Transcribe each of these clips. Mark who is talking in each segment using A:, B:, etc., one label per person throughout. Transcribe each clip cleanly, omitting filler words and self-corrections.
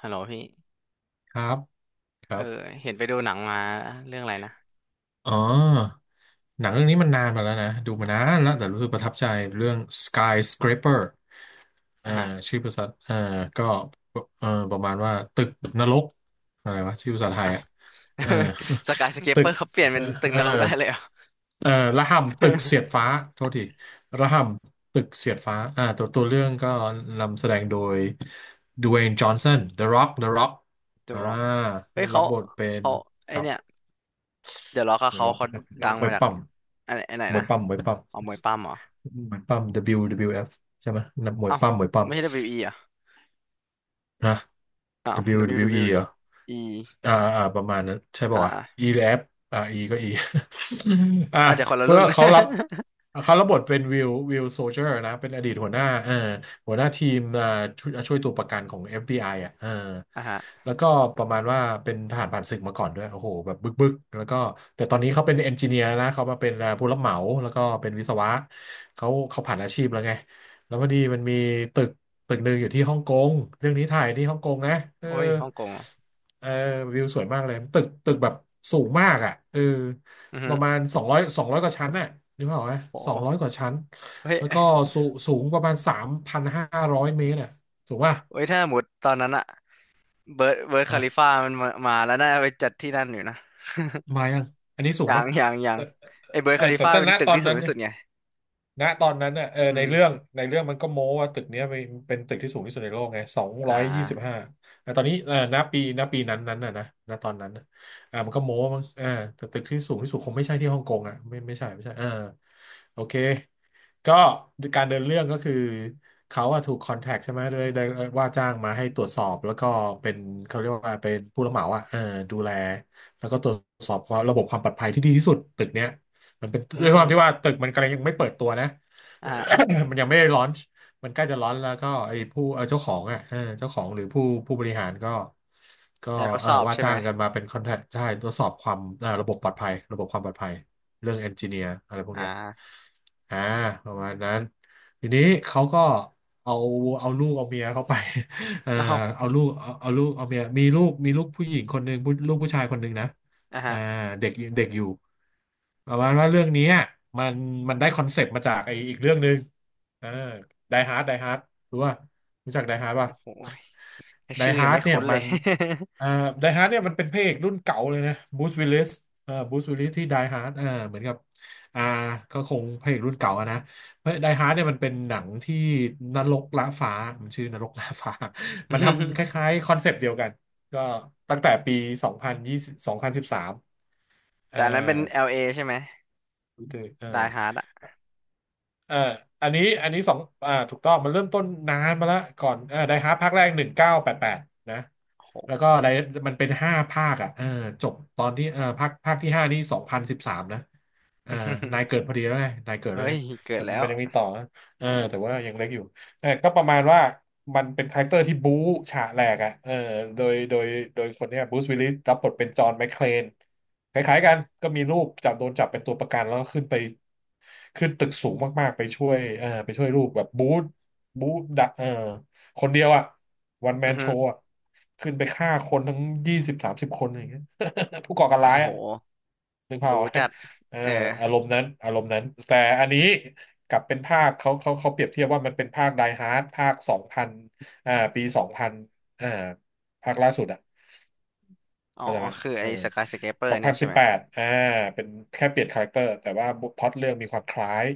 A: ฮัลโหลพี่
B: ครับครั
A: เออ
B: บ
A: เห็นไปดูหนังมาเรื่องอะไรนะ
B: อ๋อ หนังเรื่องนี้มันนานมาแล้วนะ ดูมานานแล้วแต่รู้สึกประทับใจเรื่อง Skyscraper อ่า
A: อ่ะฮะ
B: ชื่อภาษาอ่าก็ประมาณว่าตึกนรกอะไรวะชื่อภาษาไทยอ่ะ
A: อ่ะ
B: เออ
A: สกายส เค ป
B: ตึ
A: เปอ
B: ก
A: ร์เขาเปลี่ยน
B: เอ
A: เป็น
B: อ
A: ตึก
B: เอ
A: น
B: อ
A: รกได้เลยเหรอ
B: เออระห่ำตึกเสียด ฟ้า โทษทีระห่ำตึกเสียดฟ้าอ่าตัวเรื่องก็นำแสดงโดยดเว y นจอห์นสัน The Rock
A: เดอะ
B: อ่า
A: ร็อ กเฮ้ย
B: รั
A: เขา
B: บบทเป็น
A: เขาไอ
B: ครับ
A: เนี่ยเดอะร็อกอะ
B: The
A: เขา
B: Rock
A: เขา
B: นั
A: ดั
B: ก
A: ง
B: มว
A: มา
B: ย
A: จาก
B: ปั้ม
A: อันไอัไหน
B: มวย
A: นะ
B: ปั้มมวยปั้ม
A: เอามวยปั้มเหรอ
B: มวยปั้ม WWF ใช่ไหมนับมวย
A: เอ้า
B: ปั้มมวยปั้ม
A: ไม่ใช่ w e เบิลยูอีเหรอ่ะ
B: ฮะ
A: อ้าว
B: WWE เบิลยูดับเบิลยูอีเหรอ
A: WWE อ
B: อ่าประมาณนั้นใช่
A: อ่า
B: ป่าววะ
A: อะ
B: E แลบอ F E ก็ E อ่า
A: อาจจะคนละ
B: เพื่อ
A: รุ่น
B: เขารับเขารับบทเป็นวิลโซเจอร์นะเป็นอดีตหัวหน้าหัวหน้าทีมอ่าช่วยตัวประกันของ FBI อฟบีไออ่ะเออ
A: อ่ะฮะ
B: แล้วก็ประมาณว่าเป็นทหารผ่านศึกมาก่อนด้วยโอ้โหแบบบึกแล้วก็แต่ตอนนี้เขาเป็นเอนจิเนียร์นะเขามาเป็นผู้รับเหมาแล้วก็เป็นวิศวะเขาผ่านอาชีพแล้วไงแล้วพอดีมันมีตึกตึกหนึ่งอยู่ที่ฮ่องกงเรื่องนี้ถ่ายที่ฮ่องกงนะเออ
A: โอ้ยฮ่องกงเหรอ
B: เออวิวสวยมากเลยตึกแบบสูงมากอ่ะเออ
A: อือ
B: ป
A: ฮึ
B: ระมาณสองร้อยกว่าชั้นน่ะนึกภาพออกไหม
A: โอ
B: สองร้อยก
A: ้
B: ว่าชั้น
A: เฮ้ย
B: แล้วก็สูสูงประมาณสามพันห้าร้อยเมตรอ่ะสูงป่ะ
A: เฮ้ยถ้าหมดตอนนั้นอะเบิร์ดคา
B: นะ
A: ลิฟ่ามันมาแล้วน่าไปจัดที่นั่นอยู่นะ
B: มายังอันนี้สู
A: อ
B: ง
A: ย่าง
B: ป่ะ
A: อย่างอย่าง
B: เออ
A: ไอ้เบอร์
B: เอ
A: a
B: อ
A: คาลิ
B: แต่
A: ฟาเป็นตึ
B: ต
A: ก
B: อน
A: ที่สู
B: นั้
A: ง
B: น
A: ที่
B: เนี่ย
A: สุดไง
B: ณตอนนั้นน่ะเออ
A: อื
B: ใน
A: ม
B: เรื่องมันก็โม้ว่าตึกเนี้ยเป็นตึกที่สูงที่สุดในโลกไงสอง
A: อ่
B: ร้อยยี่สิบ
A: า
B: ห้าแต่ตอนนี้เออณปีนั้นน่ะนะณตอนนั้นน่ะมันก็โม้มั้งเออแต่ตึกที่สูงที่สุดคงไม่ใช่ที่ฮ่องกงอ่ะไม่ใช่เออโอเคก็การเดินเรื่องก็คือเขาอะถูกคอนแทคใช่ไหมได้ว่าจ้างมาให้ตรวจสอบแล้วก็เป็นเขาเรียกว่าเป็นผู้รับเหมาอะเออดูแลแล้วก็ตรวจสอบความระบบความปลอดภัยที่ดีที่สุดตึกเนี้ย มันเป็น
A: อื
B: ด้วยความที่
A: ม
B: ว่าตึกมันกำลังยังไม่เปิดตัวนะ
A: อ่า
B: มันยังไม่ได้ลอนช์มันใกล้จะลอนช์แล้วก็ไอ้ผู้เจ้าของอ่ะเออเจ้าของหรือผู้บริหารก็ก็
A: อยากทด
B: เอ
A: ส
B: อ
A: อบ
B: ว่า
A: ใช่ไหม
B: จ้างกันมาเป็นคอนแทคใช่ตรวจสอบความระบบปลอดภัยระบบความปลอดภัยเรื่องเอนจิเนียร์อะไรพวกเนี้ย
A: อ่า
B: อ่าประมาณนั้นทีนี้เขาก็เอาเอาลูกเอาเมียเขาไป เออ
A: เอ้า
B: เอาลูกเอาเอาเมียมีลูกผู้หญิงคนหนึ่งลูกผู้ชายคนหนึ่งนะ
A: อ่าฮะ
B: อ่าเด็กเด็กอยู่ประมาณว่าเรื่องนี้อะมันมันได้คอนเซปต์มาจากไออีกเรื่องหนึ่งเออไดฮาร์ดรู้ป่ะรู้จักไดฮาร์ดป่ะ
A: โอ้โห
B: ได
A: ชื่อยั
B: ฮา
A: ง
B: ร์ด
A: ไม่
B: เนี่ย
A: คุ้นเล
B: มั
A: ย
B: นเอ่อไดฮาร์ดเนี่ยมันเป็นพระเอกรุ่นเก่าเลยนะบูสวิลลิสเอ่อบูสวิลลิสที่ไดฮาร์ดเอ่อเหมือนกับอ่าก็คงพระเอกรุ่นเก่าอะนะเพราะไดฮาร์ดเนี่ยมันเป็นหนังที่นรกละฟ้ามันชื่อนรกละฟ้า มันทำคล้า ยๆคอนเซปต์เดียวกันก็ตั้งแต่ปีสองพันสิบสามเอ่อ
A: แต่อันนั้นเป็น LA ใช่ไหมได
B: Twitter เออ
A: ฮาร์ดอะ
B: อ่าอันนี้สองถูกต้อง มันเริ่มต้นนานมาแล้ว ก่อนไดฮาร์ภาคแรกหนึ่งเก้าแปดแปดนะ
A: โอ้โห
B: แล้วก็มันเป็นห้าภาคอ่ะเออจบตอนที่เออภาคที่ห้านี่สองพันสิบสามนะเออนาย เกิดพอดีแล้วไงนายเกิด
A: เฮ้
B: แล้วไง
A: ย เกิ
B: แต่
A: ดแล้
B: มั
A: ว
B: นยังมีต่อนะเออแต่ว่ายังเล็กอยู่ เออก็ประมาณว่ามันเป็นคาแรคเตอร์ที่บู๊ฉะแหลกอ่ะเออโดย โดยโดยคนเนี้ยบรูซวิลลิสรับบทเป็นจอห์นแมคเคลนคล้ายๆกันก็มีลูกโดนจับเป็นตัวประกันแล้วก็ขึ้นไปตึกสูงมากๆไปช่วยเออไปช่วยลูกแบบบู๊บู๊ดะเออคนเดียวอ่ะวันแม
A: อื
B: น
A: อ
B: โช
A: ฮึ
B: ว์อ่ะขึ้นไปฆ่าคนทั้งยี่สิบสามสิบคนอย่างเงี้ย ผู้ก่อการร้า
A: โอ้
B: ย
A: โห
B: อ่ะนึกภาพ
A: บู
B: ไว้
A: จัด
B: เอ่อ
A: เออ
B: อารมณ์นั้นแต่อันนี้กลับเป็นภาคเขาเปรียบเทียบว่ามันเป็นภาคไดฮาร์ดภาคสองพันปีสองพันอ่าภาคล่าสุดอะ
A: อ๋อ
B: เข้าใจไหม
A: คือ
B: เอ
A: ไอ้
B: อ
A: สกายสเคเปอร์
B: สอง
A: เนี่
B: พั
A: ย
B: น
A: ใช่
B: สิบ
A: ไหม
B: แปดอ่าเป็นแค่เปลี่ยนคาแรคเตอร์แต่ว่าพล็อตเรื่องมีความคล้าย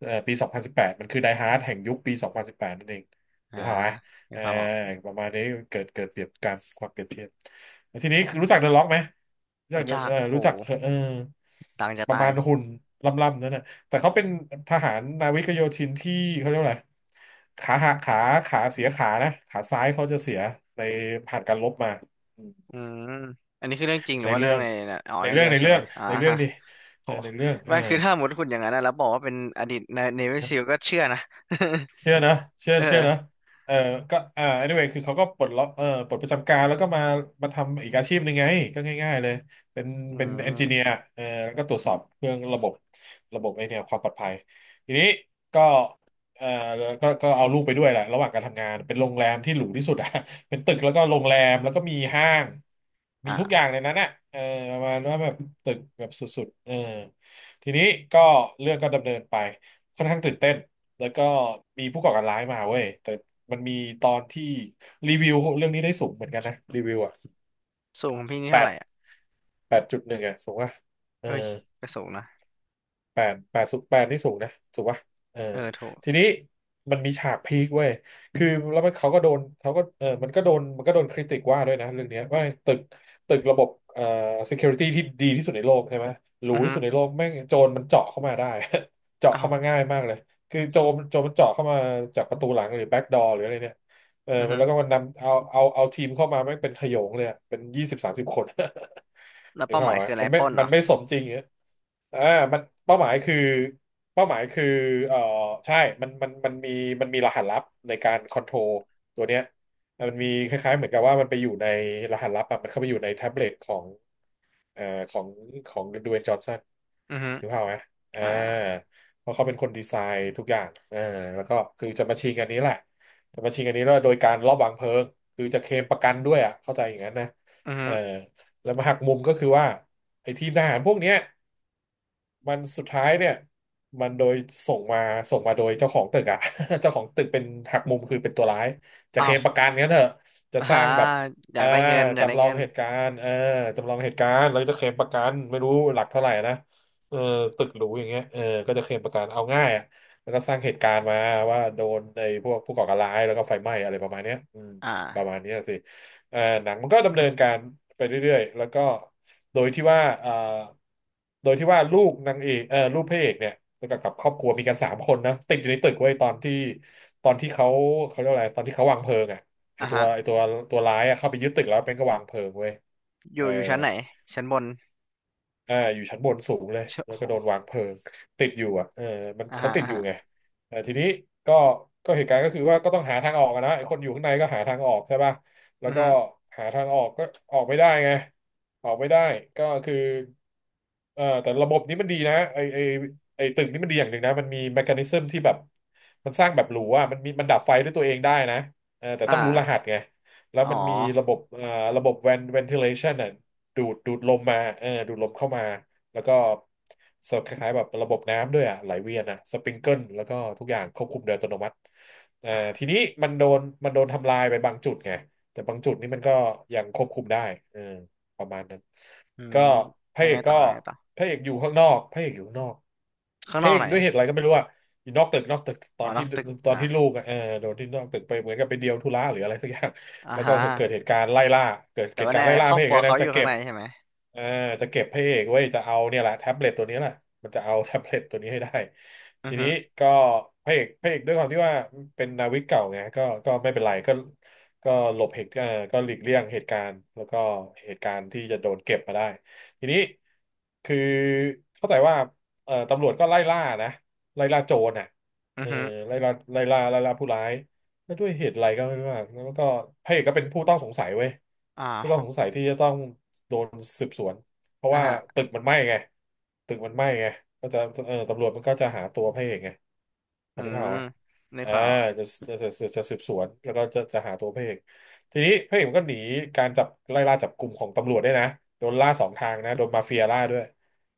B: ปีสองพันสิบแปดมันคือไดฮาร์ดแห่งยุคปีสองพันสิบแปดนั่นเองห
A: อ่า
B: รือเปล่าไหม
A: มี
B: เออ
A: ความออก
B: ประมาณนี้เกิดเปรียบการความเปรียบเทียบแล้วทีนี้คือรู้จักเดอะล็อกไหมรู้จัก
A: รู้ จัก
B: เออ
A: โอ้โห
B: รู้จักเออ
A: ดังจะ
B: ประ
A: ตาย
B: มาณหุ่นล่ำๆนั่นนะแต่เขาเป็นทหารนาวิกโยธินที่เขาเรียกว่าอะไรขาหักขาขาเสียขานะขาซ้ายเขาจะเสียในผ่านการรบมา
A: อืมอันนี้คือเรื่องจริงหรื
B: ใน
A: อว่าเรื่
B: เรื่
A: อง
B: อง
A: ในน่ะอ๋อ
B: ใน
A: ใน
B: เรื่อ
A: เรื่
B: ง
A: อง
B: ใน
A: ใช่
B: เรื่
A: ไหม
B: อง
A: อ่า
B: ในเรื่องดิเอ
A: โห
B: อในเรื่องเอ
A: ไม่
B: อ
A: คือถ้าสมมติคุณอย่างนั้นนะแล้วบอกว่าเป็นอดีตในเนวิซิลก็เชื่อนะ
B: เชื่อนะเชื่อ เชื่อ
A: เอ
B: นะ
A: อ
B: เออก็anyway คือเขาก็ปลดล็อกปลดประจำการแล้วก็มาทำอีกอาชีพหนึ่งไงก็ง่ายๆเลยเป็น
A: อื
B: เป็นเอนจิเนีย
A: ม
B: ร์เออแล้วก็ตรวจสอบเรื่องระบบระบบไอเนี่ยความปลอดภัยทีนี้ก็เออก็เอาลูกไปด้วยแหละระหว่างการทำงานเป็นโรงแรมที่หรูที่สุดอะ เป็นตึกแล้วก็โรงแรมแล้วก็มีห้างมีทุกอย่าง
A: อ่า
B: ในนั้นอะเออประมาณว่าแบบตึกแบบสุดๆเออทีนี้ก็เรื่องก็ดำเนินไปค่อนข้างตื่นเต้น แล้วก็มีผู้ก่อการร้ายมาเว้ยแต่มันมีตอนที่รีวิวเรื่องนี้ได้สูงเหมือนกันนะรีวิวอ่ะ
A: สูงของพี่นี่
B: แป
A: เท่าไห
B: ด
A: ร่อ่ะ
B: แปดจุดหนึ่งอ่ะสูงอ่ะเออ
A: เอ้ยก็สูงนะ
B: แปดแปดสูงแปดนี่สูงนะถูกปะเออ
A: เออถูก
B: ทีนี้มันมีฉากพีคเว้ยคือแล้วมันเขาก็โดนเขาก็มันก็โดนคริติกว่าด้วยนะเรื่องเนี้ยว่าตึกระบบsecurity ที่ดีที่สุดในโลกใช่ไหมหรู
A: อือ
B: ที่
A: ฮึ
B: สุดในโลกแม่งโจรมันเจาะเข้ามาได้ เจาะเข้ามา
A: เอ้า
B: ง่ายมากเลยคือโจรมันเจาะเข้ามาจากประตูหลังหรือ back door หรืออะไรเนี่ยเออ
A: อือ
B: มัน
A: ฮึ
B: แล้วก็มันนำเอาทีมเข้ามาแม่งเป็นขโยงเลยอะเป็นยี่สิบสามสิบคน
A: แล้ว
B: หรือ
A: เป้า
B: เป
A: ห
B: ล่า
A: มา
B: พ
A: ย
B: ไหม
A: คืออะไร
B: มัน
A: ป
B: ไม่
A: ล้นเหร
B: มัน
A: อ
B: ไม่สมจริงอย่างเงี้ยอ่ามันเป้าหมายคือเป้าหมายคือเอ่อใช่มันมันมีรหัสลับในการคอนโทรลตัวเนี้ย มันมีคล้ายๆเหมือนกับว่ามันไปอยู่ในรหัสลับอะมันเข้าไปอยู่ในแท็บเล็ตของ เอ่อของดเวย์นจอห์นสัน
A: อือฮึ
B: ถึงเปล่าพไหมเอา
A: อ่า
B: เพราะเขาเป็นคนดีไซน์ทุกอย่างเออแล้วก็คือจะมาชิงอันนี้แหละจะมาชิงอันนี้แล้วโดยการลอบวางเพลิงคือจะเคลมประกันด้วยอ่ะเข้าใจอย่างนั้นนะ
A: อือ
B: เอ
A: ฮึ
B: อแล้วมาหักมุมก็คือว่าไอ้ทีมทหารพวกเนี้ย มันสุดท้ายเนี่ยมันโดยส่งมาโดยเจ้าของตึกอะ เจ้าของตึกเป็นหักมุมคือเป็นตัวร้ายจะเค
A: เอ้า
B: ลมประกันงั้นเถอะจะส
A: อ่า
B: ร้างแบบ
A: อยาก
B: อ่า
A: ได้เงินอยากได้
B: จำลอ
A: เงิ
B: ง
A: น
B: เหตุการณ์เออจำลองเหตุการณ์แล้วจะเคลมประกันไม่รู้หลักเท่าไหร่นะเออตึกหรูอย่างเงี้ยเออก็จะเคลมประกันเอาง่ายอะแล้วก็สร้างเหตุการณ์มาว่าโดนไอ้พวกผู้ก่อการร้ายแล้วก็ไฟไหม้อะไรประมาณเนี้ยอืม
A: อ่
B: ประมา
A: า
B: ณเนี้ยสิ หนังมันก็ดำเนินการไปเรื่อยๆแล้วก็โดยที่ว่าโดยที่ว่าลูกนางเอกเอ่อลูกพระเอกเนี่ยแล้วก็กับครอบครัวมีกันสามคนนะติดอยู่ในตึกไว้ยตอนที่เขาเขาเรียกว่าอะไรตอนที่เขาวางเพลิงอ่ะ
A: อ่าฮะ
B: ไอตัวตัวร้ายอะเข้าไปยึดตึกแล้วเป็นก็วางเพลิงเว้ย
A: อ
B: เออ
A: ยู่อยู่ชั้นไหนชั้นบน
B: อ่าอยู่ชั้นบนสูงเลย
A: เช
B: แล้
A: โอ้
B: ว
A: โห
B: ก็โดนวางเพลิงติดอยู่อ่ะเออมัน
A: อ่า
B: เขา
A: ฮะ
B: ติด
A: อ่า
B: อยู่
A: ฮะ
B: ไงแต่ทีนี้ก็เหตุการณ์ก็คือว่าก็ต้องหาทางออกอะนะไอ้คนอยู่ข้างในก็หาทางออกใช่ป่ะแล้ว
A: อือ
B: ก็
A: ฮึ
B: หาทางออกก็ออกไม่ได้ไงออกไม่ได้ก็คือแต่ระบบนี้มันดีนะไอตึกนี้มันดีอย่างหนึ่งนะมันมีแมคานิซึมที่แบบมันสร้างแบบหรูอ่ะมันมีมันดับไฟด้วยตัวเองได้นะเออแต่
A: อ
B: ต้องรู้รหั
A: ่า
B: สไง แล้ว
A: อ๋
B: มันมีระบ
A: อ
B: บระบบ ventilation น่ะดูดลมมาเออดูดลมเข้ามา แล้วก็สคล้ายๆแบบระบบน้ำด้วยอ่ะไหลเวียนอ่ะสปริงเกิลแล้วก็ทุกอย่างควบคุมโดยอัตโนมัติเอ่อ
A: อ่ะ
B: ทีนี้มันโดนทำลายไปบางจุดไงแต่บางจุดนี่มันก็ยังควบคุมได้เออประมาณนั้น
A: อืม
B: ก็พ
A: แล้
B: ระ
A: ว
B: เอ
A: ไง
B: ก
A: ต่อ
B: ก็
A: แล้วไงต่อ
B: พระเอกอยู่ข้างนอกพระเอกอยู่ข้างนอก
A: ข้าง
B: พ
A: น
B: ระ
A: อ
B: เอ
A: ก
B: ก
A: ไหน
B: ด้วยเหตุอะไรก็ไม่รู้อะอยู่นอกตึก
A: อ๋อนอกตึก
B: ตอ
A: อ่า
B: นที่ลูกอะเออโดนที่นอกตึกไปเหมือนกับไปเดียวธุระหรืออะไรสักอย่าง
A: อ่า
B: แล้ว
A: ฮ
B: ก็
A: ะ
B: เกิด
A: แต่
B: เห
A: ว่า
B: ตุการ
A: เนี่
B: ณ์
A: ย
B: ไล่ล่า
A: ครอ
B: พ
A: บ
B: ระเอ
A: ค
B: ก
A: รัว
B: ด้วย
A: เขา
B: นะ
A: อยู่ข้างในใช่ไหม
B: เอ่าจะเก็บพระเอกไว้ยจะเอาเนี่ยแหละแท็บเล็ตตัวนี้แหละมันจะเอา แท็บเล็ตตัวนี้ให้ได้
A: อื
B: ที
A: อฮึ
B: นี้ก็พระเอกด้วยความที่ว่าเป็นนาวิกเก่าไงก็ไม่เป็นไรก็หลบเหตุเอ่อก็หลีกเลี่ยงเหตุการณ์แล้วก็เหตุการณ์ที่จะโดนเก็บมาได้ทีนี้คือเข้าใจว่าตำรวจก็ไล่ล่านะไล่ล่าโจรน่ะ
A: อื
B: เอ
A: อ
B: อ
A: ฮึ
B: ไล่ล่าผู้ร้าย แล้วด้วยเหตุอะไรก็ไม่รู้อะแล้วก็พระเอกก็เป็นผู้ต้องสงสัยเว้ย
A: อ้า
B: ผู้ต้อง
A: ว
B: สงสัยที่จะต้องโดนสืบสวนเพราะ
A: อ่ะ
B: ว่า
A: ฮะ
B: ตึกมันไหม้ไงตึกมันไหม้ไงก็จะเออตำรวจมันก็จะหาตัวพระเอกไงพ
A: อื
B: อที่ภาพอ
A: ม
B: อกไหม
A: นึก
B: อ่า
A: วาออก
B: จะจะสืบสวนแล้วก็จะหาตัวพระเอกทีนี้พระเอกมันก็หนีการจับไล่ล่าจับกลุ่มของตำรวจด้วยนะโดนล่าสองทางนะโดนมาเฟียล่าด้วย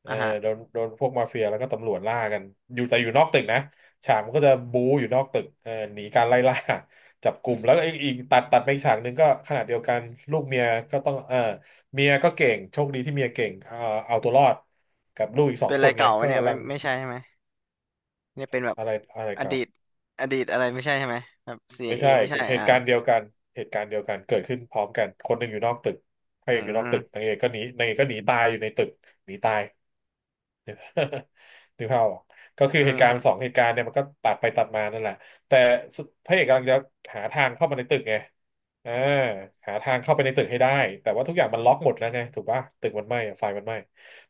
B: เออ
A: อ่ะฮะ
B: โดนพวกมาเฟียแล้วก็ตำรวจล่ากันอยู่แต่อยู่นอกตึกนะ ฉากมันก็จะบู๊อยู่นอกตึกหนีการไล่ล่า จับกลุ่มแล้วก็อีกตัดไปอีกฉากหนึ่งก็ขนาดเดียวกันลูกเมียก็ต้องเออเมียก็เก่งโชคดีที่เมียเก่งเอาตัวรอดกับลูกอีกสอ
A: เป็
B: ง
A: นอะ
B: ค
A: ไร
B: นไง
A: เก่าไหม
B: ก็
A: เนี่ย
B: กำ
A: ไม่
B: ลัง
A: ไม่ใช่ใช่ไหมเนี่ยเป็นแบบ
B: อะไรอะไร
A: อ
B: เก่า
A: ดีตอดีตอะไรไม่ใช่ใช่ไหมแบบ c
B: ไม่
A: เอ
B: ใช่
A: ไม่ใช่
B: เห
A: อ่า
B: ตุการณ์เดียวกันเหตุการณ์เดียวกันเกิดขึ้นพร้อมกันคนหนึ่งอยู่นอกตึกพระ
A: อื
B: เอกอยู่นอกตึก
A: ม
B: นางเอกก็หนีตายอยู่ในตึกหนีตาย นึกภาพออกก็คือ
A: อื
B: เห
A: ม
B: ตุ
A: อ
B: การ
A: ฮึ
B: ณ์สองเหตุการณ์เนี่ยมันก็ตัดไปตัดมานั่นแหละแต่สุดพระเอกกำลังจะหาทางเข้ามาในตึกไงอ่าหาทางเข้าไปในตึกให้ได้แต่ว่าทุกอย่างมันล็อกหมดแล้วไงถูกป่ะตึกมันไหม้อะไฟมันไหม้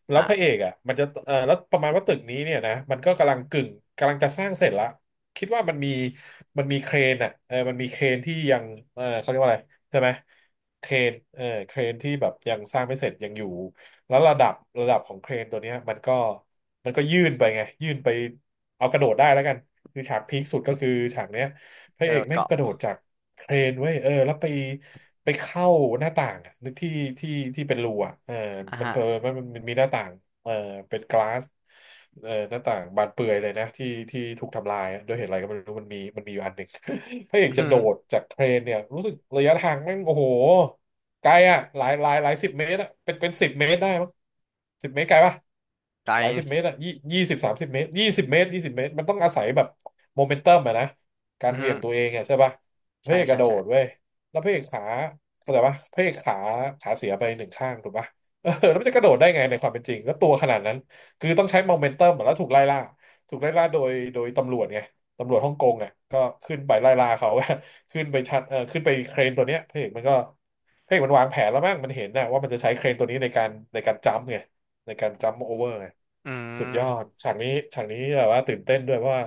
B: แล้วพระเอ
A: อ่า
B: กอ่ะมันจะเออแล้วประมาณว่าตึกนี้เนี่ยนะมันก็กำลังกำลังจะสร้างเสร็จละคิดว่ามันมีเครนอ่ะมันมีเครนที่ยังเขาเรียกว่าอะไรใช่ไหมเครนเครนที่แบบยังสร้างไม่เสร็จยังอยู่ แล้วระดับของเครนตัวเนี้ยมันก็ยื่นไปไงยื่นไปเอากระโดดได้แล้วกันคือฉากพีคสุดก็คือฉากเนี้ยพ
A: ก
B: ระ
A: ระ
B: เอ
A: โด
B: ก
A: ด
B: แม่ง
A: เกาะ
B: กระโดดจากเครนเว้ยแล้วไปไปเข้าหน้าต่างอะนึกที่ที่ที่เป็นรูอ่ะ
A: อ่ะ
B: มัน
A: ฮะ
B: เผลอมันมีหน้าต่าง เออเป็นกลาสหน้าต่างบานเปื่อยเลยนะที่ที่ถูกทำลายอะด้วยเหตุอะไรก็ไม่รู้มันมีอยู่อันหนึ่ง พระเอก
A: อื
B: จะ
A: อ
B: โด
A: ฮึ
B: ดจากเครนเนี่ยรู้สึกระยะทางแม่งโอ้โหไกลอ่ะหลายสิบเมตรอ่ะเป็นสิบเมตรได้มั้งสิบเมตรไกลปะ
A: ไก
B: หลายสิบเม
A: ล
B: ตรอ่ะ20 30 เมตรยี่สิบเมตรมันต้องอาศัยแบบโมเมนตัมอะนะการ
A: อือ
B: เห
A: ฮึ
B: วี่ยงตัวเองอะใช่ปะพระ
A: ใช่
B: เอกก
A: ใช่
B: ระโด
A: ใช่
B: ดเว้ยแล้วพระเอกขาเข้าใจปะพระเอกขาขาเสียไปหนึ่งข้างถูกปะ เออแล้วมันจะกระโดดได้ไงในความเป็นจริงแล้วตัวขนาดนั้นคือต้องใช้โมเมนตัมแล้วถูกไล่ล่าถูกไล่ล่าโดยตำรวจไงตำรวจฮ่องกงอ่ะก็ขึ้นไปไล่ล่าเขา ขึ้นไปชัดขึ้นไปเครนตัวเนี้ยพระเอกมันวางแผนแล้วมั้งมันเห็นนะว่ามันจะใช้เครนตัวนี้ในการจัมป์ไงในการจัมป์โอเวอร์ไง
A: อื
B: สุดยอ
A: ม
B: ดฉากนี้ฉากนี้แบบว่าตื่นเต้นด้วยเพราะว่า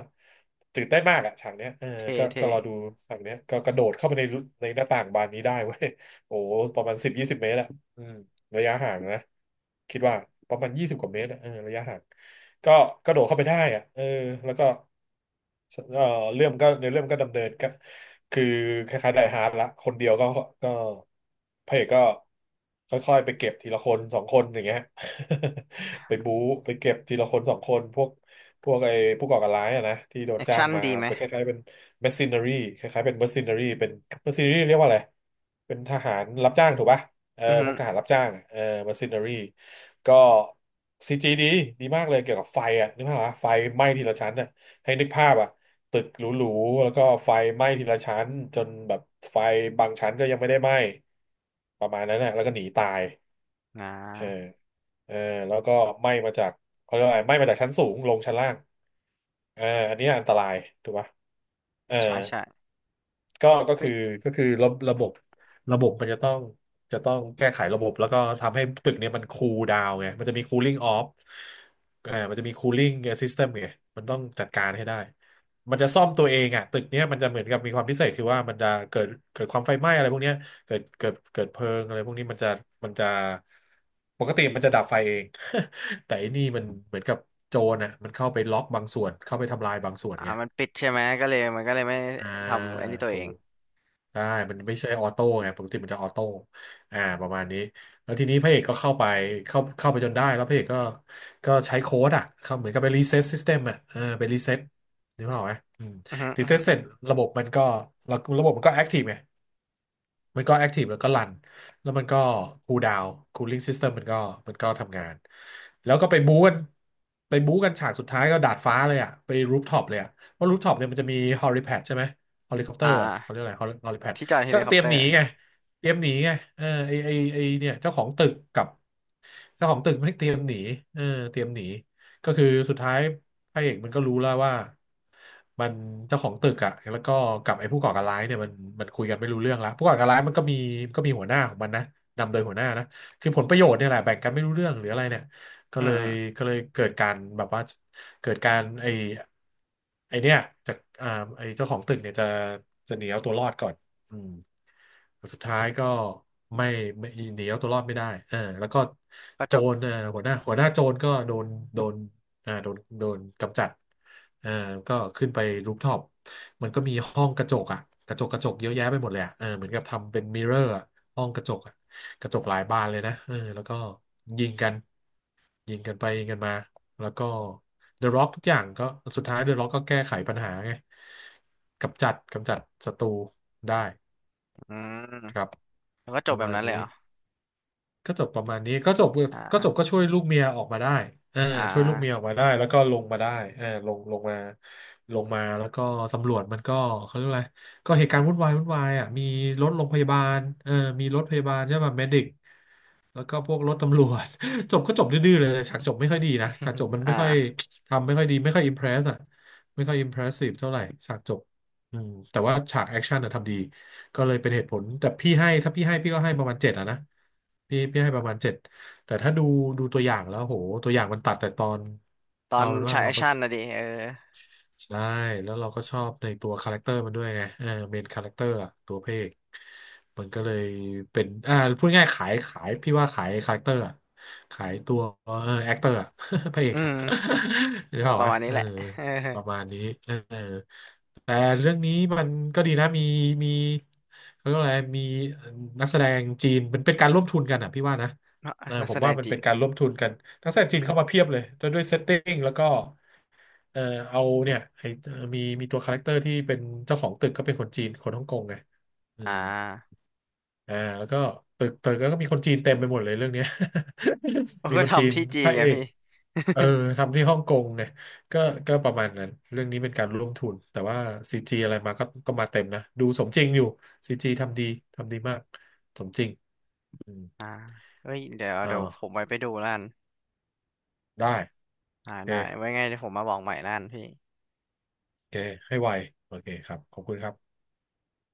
B: ตื่นเต้นมากอ่ะฉากเนี้ย
A: เท่
B: ก็
A: เท่
B: รอดูฉากเนี้ยก็กระโดดเข้าไปในในหน้าต่างบานนี้ได้เว้ยโอ้โหประมาณ10 20 เมตรอ่ะอืม ระยะห่างนะคิดว่าประมาณ20 กว่าเมตรอะเออระยะห่างก็กระโดดเข้าไปได้อะแล้วก็เออเรื่องก็ในเรื่องก็ดำเนินก็คือคล้ายๆไดฮาร์ดละคนเดียวก็ก็พระเอกก็ค่อยๆไปเก็บทีละคนสองคนอย่างเงี้ย ไปบู๊ไปเก็บทีละคนสองคนพวกไอ้ผู้ก่อการร้ายอะนะที่โดน
A: แอค
B: จ้าง
A: ชั่น
B: มา
A: ดีไหม
B: เป็นคล้ายๆเป็น mercenary คล้ายๆเป็น mercenary เป็น mercenary เรียกว่าอะไรเป็นทหารรับจ้างถูกปะ เออ
A: อือ
B: พ
A: ฮึ
B: วกทหารรับจ้างเออมาซินเนอรี่ก็ซีจีดีมากเลยเกี่ยวกับไฟอ่ะนึกภาพว่าไฟไหม้ทีละชั้นอ่ะให้นึกภาพอ่ะตึกหรูๆแล้วก็ไฟไหม้ทีละชั้นจนแบบไฟบางชั้นก็ยังไม่ได้ไหม้ประมาณนั้นนะแล้วก็หนีตาย
A: อ่า
B: เออเออแล้วก็ไหม้มาจากเขาเรียกว่าอะไรไหม้มาจากชั้นสูงลงชั้นล่างเอออันนี้อันตรายถูกปะเออ
A: ใช่ใช่
B: ก็
A: เฮ้
B: คือ
A: ย
B: ก็คือระบบระบบ มันจะต้องแก้ไขระบบแล้วก็ทำให้ตึกเนี่ยมันคูลดาวน์ไงมันจะมี cooling off เออมันจะมี cooling system ไงมันต้องจัดการให้ได้ มันจะซ่อมตัวเองอ่ะตึกเนี้ยมันจะเหมือนกับมีความพิเศษคือว่ามันจะเกิดความไฟไหม้อะไรพวกเนี้ยเกิดเพลิงอะไรพวกนี้มันจะปกติมันจะดับไฟเอง แต่ไอันนี้มันเหมือนกับโจรนะมันเข้าไปล็อกบางส่วนเข้าไปทำลายบางส่วน
A: อ่า
B: ไง
A: มันปิดใช่ไหมก็เลยมันก็เลยไม่
B: อ่า
A: ทำไอันนี้ตัว
B: ถู
A: เอง
B: กได้มันไม่ใช่ออโต้ไงปกติมันจะออโต้อ่าประมาณนี้แล้วทีนี้พระเอกก็เข้าไปเข้าไปจนได้แล้วพระเอกก็ก็ใช้โค้ดอ่ะเข้าเหมือนกับไปรีเซ็ตซิสเต็มอ่ะเออไปรีเซ็ตนึกภาพออกไหมอืม
A: อืมอฮึ
B: รี
A: อืมอ
B: เซ็
A: ฮึ
B: ตเสร็จระบบมันก็ระบบมันก็แอคทีฟไง มันก็แอคทีฟแล้วก็รันแล้วมันก็คูลดาวน์คูลิ่งซิสเต็มมันก็ทำงาน แล้วก็ไปบู๊กันไปบู๊กันฉากสุดท้ายก็ดาดฟ้าเลยอ่ะไปรูฟท็อปเลยอ่ะเพราะรูฟท็อปเนี่ยมันจะมีฮอลิแพดใช่ไหมฮอลิคอปเต
A: อ่
B: อร์เขาเรียก
A: า
B: อะไรฮอลิแพด
A: ที่จอดเฮ
B: ก็
A: ลิค
B: เต
A: อป
B: รีย
A: เต
B: ม
A: อ
B: หนี
A: ร์
B: ไงเตรียมหนีไงเออไอเนี่ยเจ้าของตึกกับ เจ้าของตึกไม่เตรียมหนีเออเตรียมหนีก็คือสุดท้ายพระเอกมันก็รู้แล้วว่ามันเจ้าของตึกอะแล้วก็กับไอ้ผู้ก่อการร้ายเนี่ยมันคุยกันไม่รู้เรื่องแล้วผู้ก่อการร้ายมันก็มีก็มีหัวหน้าของมันนะนำโดยหัวหน้านะคือผลประโยชน์เนี่ยแหละแบ่งกันไม่รู้เรื่องหรืออะไรเนี่ยก็
A: อื
B: เล
A: มอื
B: ย
A: ม
B: ก็เลยเกิดการแบบว่าเกิดการไอ้เนี่ยจากอ่าไอ้เจ้าของตึกเนี่ยจะหนีเอาตัวรอดก่อนอืม สุดท้ายก็ไม่ไม่หนีเอาตัวรอดไม่ได้เออแล้วก็
A: ก็
B: โจ
A: จบ
B: รเออหัวหน้าโจรก็โดนโดนโดนกำจัดเออก็ขึ้นไปรูฟท็อปมันก็มีห้องกระจกอ่ะกระจกเยอะแยะไปหมดเลยอ่ะเออเหมือนกับทำเป็นมิเรอร์อะห้องกระจกอ่ะกระจกหลายบานเลยนะเออแล้วก็ยิงกันยิงกันไปยิงกันมาแล้วก็เดอะร็อกทุกอย่างก็สุดท้ายเดอะร็อกก็แก้ไขปัญหาไงกำจัดศัตรูได้
A: อืม
B: ครับ
A: แล้วก็จ
B: ป
A: บ
B: ระ
A: แบบ
B: มาณ
A: นั้นเลย
B: นี้
A: เหรอ
B: ก็จบประมาณนี้ก็จบก็
A: อ
B: จบก็
A: ่า
B: ช่วยลูกเมียออกมาได้เออ
A: อ่า
B: ช่วยลูกเมียออกมาได้แล้วก็ลงมาได้เออลงมาลงมาแล้วก็ตำรวจมันก็เขาเรียกอะไรก็เหตุการณ์วุ่นวายอ่ะมีรถโรงพยาบาลเออมีรถพยาบาลใช่ป่ะเมดิก แล้วก็พวกรถตำรวจ จบก็จบดื้อๆเลยฉากจบไม่ค่อยดีนะฉากจบ มัน
A: อ่า
B: ไม่ค่อยทำไม่ค่อยดีไม่ค่อยอิมเพรสอะไม่ค่อยอิมเพรสซีฟเท่าไหร่ฉากจบอืมแต่ว่าฉากแอคชั่นอะทำดีก็เลยเป็นเหตุผลแต่พี่ให้ถ้าพี่ให้พี่ก็ให้ประมาณเจ็ดอะนะพี่ให้ประมาณเจ็ดแต่ถ้าดูดูตัวอย่างแล้วโหตัวอย่างมันตัดแต่ตอน
A: ตอ
B: เอา
A: น
B: เป็นว่า
A: ฉายแอ
B: เรา
A: ค
B: ก็
A: ชั่นนะดิเออ
B: ใช่แล้วเราก็ชอบในตัวคาแรคเตอร์มันด้วยไงเออเมนคาแรคเตอร์อะตัวพระเอก มันก็เลยเป็นอ่าพูดง่ายๆขายพี่ว่าขายคาแรคเตอร์อะขายตัวเออแอคเตอร์อะ พระเอก
A: อื
B: อะ
A: ม
B: หรือเป
A: ก็
B: ล่า
A: ประ
B: วะ
A: มาณนี้
B: เออ
A: แหละ เออ
B: ประมาณนี้เออแต่เรื่องนี้มันก็ดีนะมีเขาเรียกว่าอะไรมีนักแสดงจีนมันเป็นการร่วมทุนกันอ่ะพี่ว่านะเออ
A: นัก
B: ผ
A: แส
B: ม
A: ด
B: ว่า
A: ง
B: มัน
A: จี
B: เป็
A: น
B: นการร่วมทุนกันนักแสดงจีนเข้ามาเพียบเลยด้วยเซตติ้งแล้วก็เออเอาเนี่ยไอมีตัวคาแรคเตอร์ที่เป็นเจ้าของตึกก็เป็นคนจีนคนฮ่องกงไงอื
A: อ่
B: ม
A: า
B: อ่าแล้วก็ตึกแล้วก็มีคนจีนเต็มไปหมดเลยเรื่องเนี้ย
A: ผ ม
B: มี
A: ก็
B: คนจีน
A: ทำที่จี
B: พ
A: น
B: ระ
A: ไง
B: เอก
A: พี่
B: เอ อทำที่ฮ่องกงไงก็ก็ประมาณนั้นเรื่องนี้เป็นการร่วมทุนแต่ว่าซีจีอะไรมาก็ก็มาเต็มนะดูสมจริงอยู่ซีจีทำดีทำดีมากสมจริงอืม
A: อ่าเอ้ยเดี๋ยว
B: อ้า
A: เดี๋ยว
B: ว
A: ผมไปไปดูล้าน
B: ได้
A: อ่า
B: โอเค
A: ได้ไว้ไงเดี๋ยวผมมาบอกใหม่ล้านพี่
B: โอเคให้ไวโอเคครับขอบคุณครับ